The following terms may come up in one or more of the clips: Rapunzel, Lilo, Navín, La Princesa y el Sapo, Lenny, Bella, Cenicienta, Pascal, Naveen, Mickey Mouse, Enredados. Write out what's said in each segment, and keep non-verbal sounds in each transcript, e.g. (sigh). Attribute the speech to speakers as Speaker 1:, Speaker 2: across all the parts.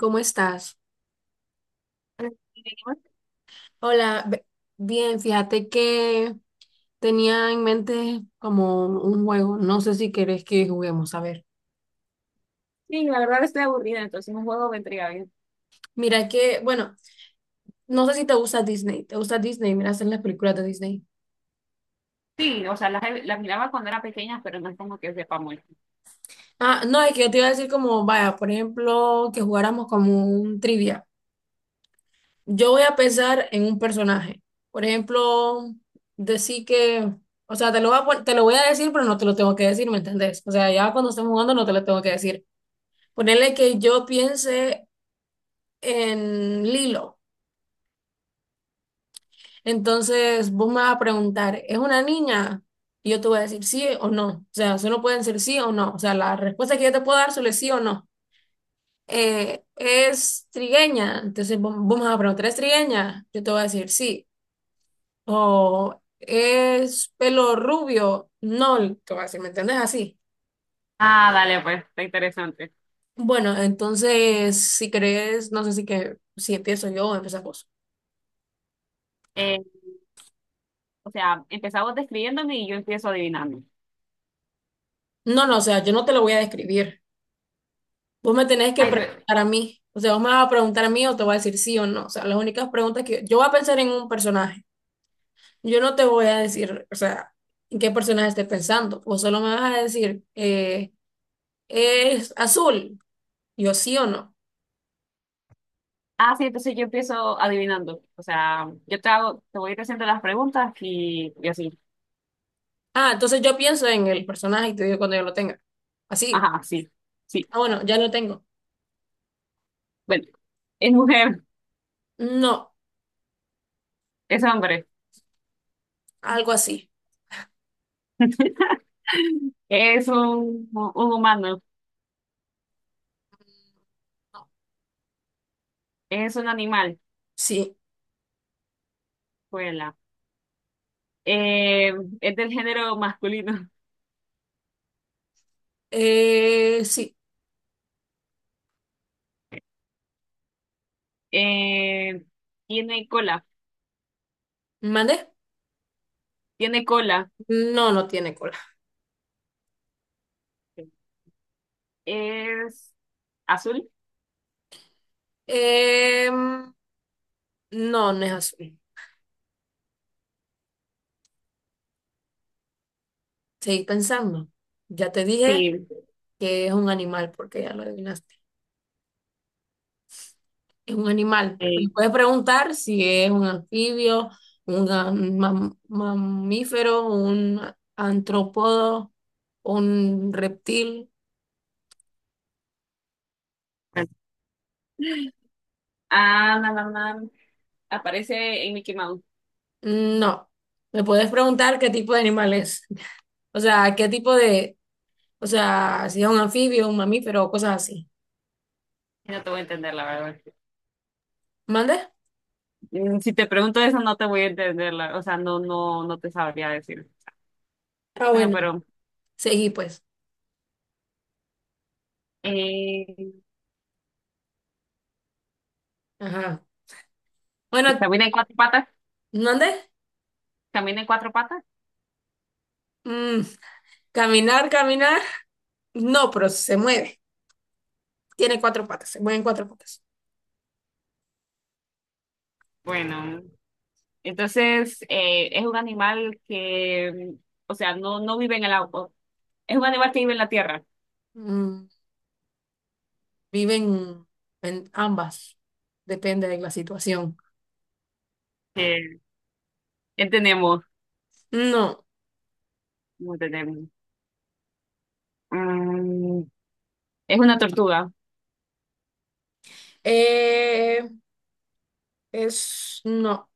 Speaker 1: ¿Cómo estás? Hola, bien, fíjate que tenía en mente como un juego, no sé si querés que juguemos, a ver.
Speaker 2: Sí, la verdad estoy aburrida, entonces un juego vendría bien.
Speaker 1: Mira que, bueno, no sé si te gusta Disney, ¿te gusta Disney? Mira, hacen las películas de Disney.
Speaker 2: Sí, o sea, las miraba cuando era pequeña, pero no es como que sepa mucho.
Speaker 1: Ah, no, es que yo te iba a decir como, vaya, por ejemplo, que jugáramos como un trivia. Yo voy a pensar en un personaje. Por ejemplo, decir que, o sea, te lo voy a, te lo voy a decir, pero no te lo tengo que decir, ¿me entendés? O sea, ya cuando estemos jugando no te lo tengo que decir. Ponerle que yo piense en Lilo. Entonces vos me vas a preguntar, ¿es una niña? Y yo te voy a decir sí o no. O sea, solo pueden ser sí o no. O sea, la respuesta que yo te puedo dar solo es sí o no. ¿Es trigueña? Entonces vos me vas a preguntar, ¿es trigueña? Yo te voy a decir sí. O ¿es pelo rubio? No, te voy a decir, ¿me entendés? Así.
Speaker 2: Ah, dale, pues, está interesante.
Speaker 1: Bueno, entonces, si crees, no sé si que si empiezo yo o empezás vos.
Speaker 2: Eh, o sea, empezamos describiéndome y yo empiezo adivinando.
Speaker 1: No, no, o sea, yo no te lo voy a describir. Vos me tenés que
Speaker 2: Ay, pero,
Speaker 1: preguntar a mí. O sea, vos me vas a preguntar a mí o te voy a decir sí o no. O sea, las únicas preguntas que yo voy a pensar en un personaje. Yo no te voy a decir, o sea, en qué personaje estés pensando. Vos solo me vas a decir, es azul. Yo sí o no.
Speaker 2: ah, sí, entonces yo empiezo adivinando. O sea, yo te hago, te voy a ir haciendo las preguntas y así.
Speaker 1: Ah, entonces yo pienso en el personaje y te digo cuando yo lo tenga. Así.
Speaker 2: Ajá, sí, sí.
Speaker 1: Ah, bueno, ya lo tengo.
Speaker 2: Bueno, es mujer,
Speaker 1: No,
Speaker 2: es hombre,
Speaker 1: algo así.
Speaker 2: (laughs) es un humano, es un animal,
Speaker 1: Sí.
Speaker 2: vuela. Eh, es del género masculino.
Speaker 1: Sí.
Speaker 2: Eh, Tiene cola.
Speaker 1: ¿Mandé?
Speaker 2: Tiene cola.
Speaker 1: No, no tiene cola.
Speaker 2: ¿Es azul?
Speaker 1: Em, no, no es azul. Seguir pensando. Ya te dije
Speaker 2: Sí.
Speaker 1: que es un animal, porque ya lo adivinaste. Es un animal. Me
Speaker 2: Eh,
Speaker 1: puedes preguntar si es un anfibio, un mamífero, un antrópodo, un reptil.
Speaker 2: ah, no, no, no. Aparece en Mickey Mouse.
Speaker 1: No. Me puedes preguntar qué tipo de animal es. O sea, qué tipo de, o sea, si es un anfibio, un mamífero o cosas así.
Speaker 2: No te voy a entender, la verdad.
Speaker 1: ¿Mande?
Speaker 2: Mm, si te pregunto eso, no te voy a entender. O sea, no, no, no te sabría decir.
Speaker 1: Ah,
Speaker 2: Bueno,
Speaker 1: bueno.
Speaker 2: pero
Speaker 1: Seguí pues.
Speaker 2: eh,
Speaker 1: Ajá. Bueno,
Speaker 2: ¿camina en cuatro patas?
Speaker 1: ¿mande?
Speaker 2: ¿Camina en cuatro patas?
Speaker 1: Mm, caminar, caminar. No, pero se mueve. Tiene cuatro patas, se mueven cuatro patas.
Speaker 2: Bueno, entonces es un animal que, o sea, no, no vive en el agua. Es un animal que vive en la Tierra.
Speaker 1: Mm, viven en ambas, depende de la situación.
Speaker 2: Eh, entendemos,
Speaker 1: No,
Speaker 2: no entendemos. Mm, es una tortuga,
Speaker 1: eh, no,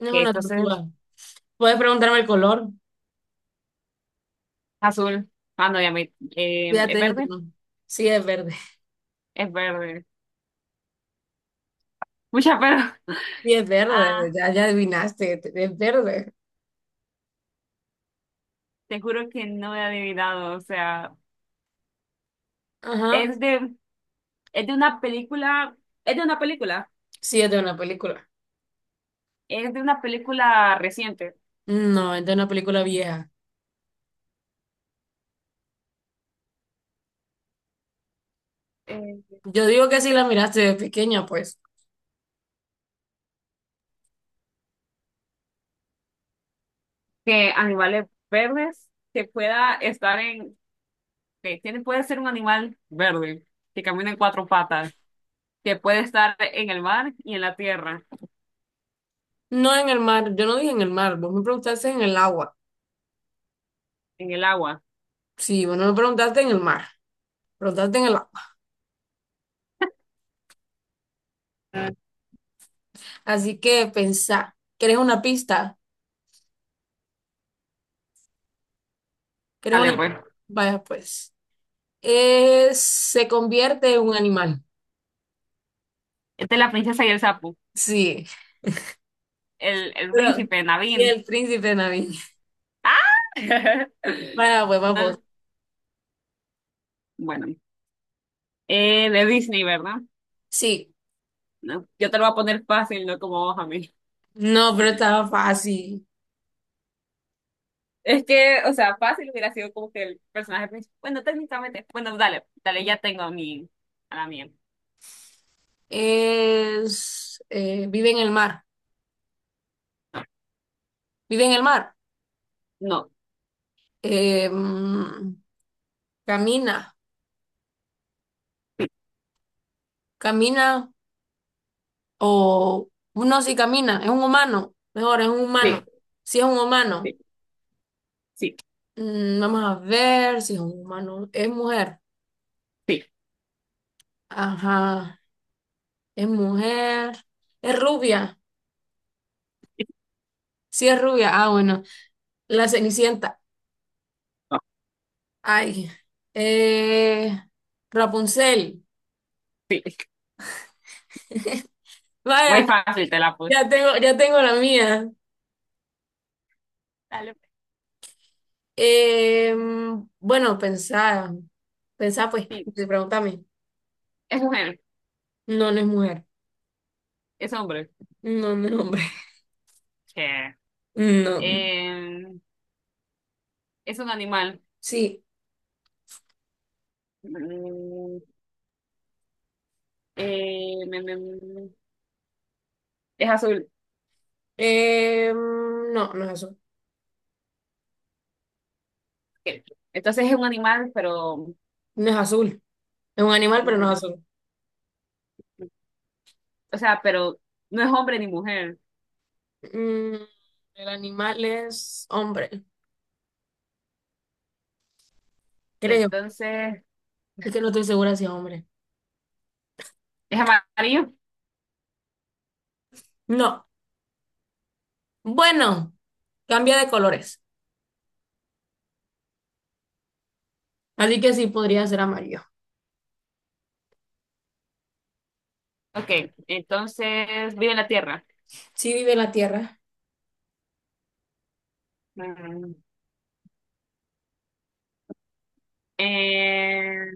Speaker 1: no es
Speaker 2: que
Speaker 1: una
Speaker 2: entonces
Speaker 1: tortuga. Puedes preguntarme el color,
Speaker 2: azul. Ah, no, ya me...
Speaker 1: ya
Speaker 2: ¿es
Speaker 1: te que
Speaker 2: verde?
Speaker 1: no. Sí, es verde.
Speaker 2: Es verde. Mucha pero... (laughs)
Speaker 1: Sí, es verde,
Speaker 2: Ah,
Speaker 1: ya, ya adivinaste, es verde.
Speaker 2: te juro que no he adivinado, o sea,
Speaker 1: Ajá,
Speaker 2: es de, es de una película, es de una película,
Speaker 1: sí, es de una película.
Speaker 2: es de una película reciente,
Speaker 1: No, es de una película vieja.
Speaker 2: eh,
Speaker 1: Yo digo que si la miraste de pequeña, pues.
Speaker 2: que animales verdes que pueda estar en, que tiene, puede ser un animal verde, que camina en cuatro patas, que puede estar en el mar y en la tierra,
Speaker 1: No en el mar, yo no dije en el mar, vos me preguntaste en el agua.
Speaker 2: en el agua.
Speaker 1: Sí, bueno, me preguntaste en el mar, preguntaste en el agua. Así que pensá, ¿quieres una pista? ¿Quieres una?
Speaker 2: Dale, pues.
Speaker 1: Vaya, pues. Se convierte en un animal.
Speaker 2: Esta es la princesa y el sapo.
Speaker 1: Sí,
Speaker 2: El
Speaker 1: pero
Speaker 2: príncipe,
Speaker 1: sí,
Speaker 2: Naveen.
Speaker 1: el príncipe Navín.
Speaker 2: ¡Ah! (laughs)
Speaker 1: Vaya, pues, vamos.
Speaker 2: No, bueno, de Disney, ¿verdad?
Speaker 1: Sí,
Speaker 2: No, yo te lo voy a poner fácil, no como vos a mí.
Speaker 1: no, pero estaba fácil.
Speaker 2: Es que, o sea, fácil hubiera sido como que el personaje principal. Bueno, técnicamente. Bueno, dale, dale, ya tengo a mi, a la mía.
Speaker 1: Vive en el mar, vive en el mar.
Speaker 2: No,
Speaker 1: Eh, mm, camina, camina, o no, sí camina, es un humano, mejor, es un
Speaker 2: sí,
Speaker 1: humano. Si es un humano.
Speaker 2: sí, sí,
Speaker 1: Vamos a ver si es un humano. Es mujer.
Speaker 2: sí,
Speaker 1: Ajá. Es mujer. Es rubia.
Speaker 2: sí.
Speaker 1: Sí, es rubia. Ah, bueno. La Cenicienta.
Speaker 2: No,
Speaker 1: Ay. Eh, Rapunzel.
Speaker 2: sí.
Speaker 1: (laughs) Vaya,
Speaker 2: Muy fácil te la puse.
Speaker 1: ya tengo la mía.
Speaker 2: Dale,
Speaker 1: Eh, bueno, pensá. Pensá, pues.
Speaker 2: sí.
Speaker 1: Pregúntame.
Speaker 2: Es mujer,
Speaker 1: No, no es mujer.
Speaker 2: es hombre.
Speaker 1: No, no es hombre. (laughs)
Speaker 2: Che.
Speaker 1: No.
Speaker 2: Eh, es un animal.
Speaker 1: Sí.
Speaker 2: Mm, eh, me- me- me- es azul.
Speaker 1: No, no es azul.
Speaker 2: Ok. Entonces es un animal, pero...
Speaker 1: No es azul. Es un animal, pero no es
Speaker 2: ujú.
Speaker 1: azul.
Speaker 2: O sea, pero no es hombre ni mujer.
Speaker 1: Mm, el animal es hombre, creo.
Speaker 2: Entonces,
Speaker 1: Es que no estoy segura si es hombre.
Speaker 2: ¿es amarillo?
Speaker 1: No. Bueno, cambia de colores. Así que sí podría ser amarillo.
Speaker 2: Ok. Entonces, vive en la tierra.
Speaker 1: Sí vive en la tierra.
Speaker 2: Mm, eh,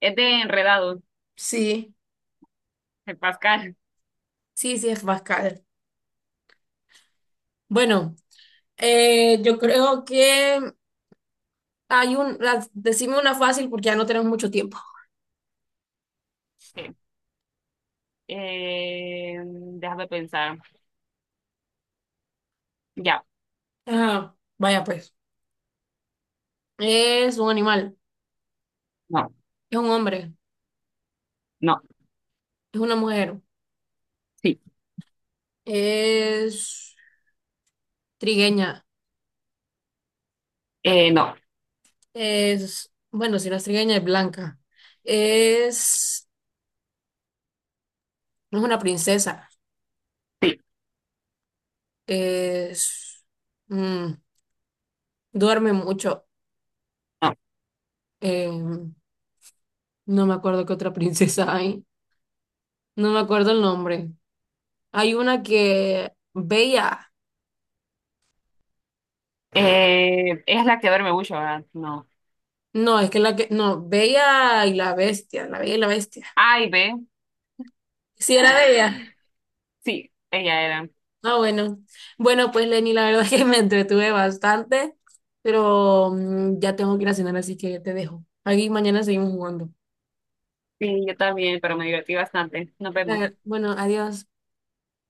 Speaker 2: es de enredados
Speaker 1: Sí,
Speaker 2: de Pascal.
Speaker 1: sí, sí es Pascal. Bueno, yo creo que hay un. Decime una fácil porque ya no tenemos mucho tiempo.
Speaker 2: Ok. Déjame pensar. Ya.
Speaker 1: Ajá, vaya pues. Es un animal.
Speaker 2: No,
Speaker 1: Es un hombre.
Speaker 2: no,
Speaker 1: Es una mujer.
Speaker 2: sí.
Speaker 1: Es trigueña.
Speaker 2: No,
Speaker 1: Bueno, si no es trigueña es blanca. Es, no es una princesa.
Speaker 2: sí.
Speaker 1: Es, mm, duerme mucho.
Speaker 2: No.
Speaker 1: Eh, no me acuerdo qué otra princesa hay. No me acuerdo el nombre. Hay una que, Bella.
Speaker 2: Es la que duerme mucho, ¿verdad? No.
Speaker 1: No, es que la que, no, Bella y la Bestia. La Bella y la Bestia.
Speaker 2: A y B.
Speaker 1: Sí, era Bella.
Speaker 2: Sí, ella era.
Speaker 1: Ah, bueno. Bueno, pues Lenny, la verdad (laughs) es que me entretuve bastante, pero ya tengo que ir a cenar, así que te dejo. Aquí mañana seguimos jugando.
Speaker 2: Sí, yo también, pero me divertí bastante. Nos vemos.
Speaker 1: Claro, bueno, adiós.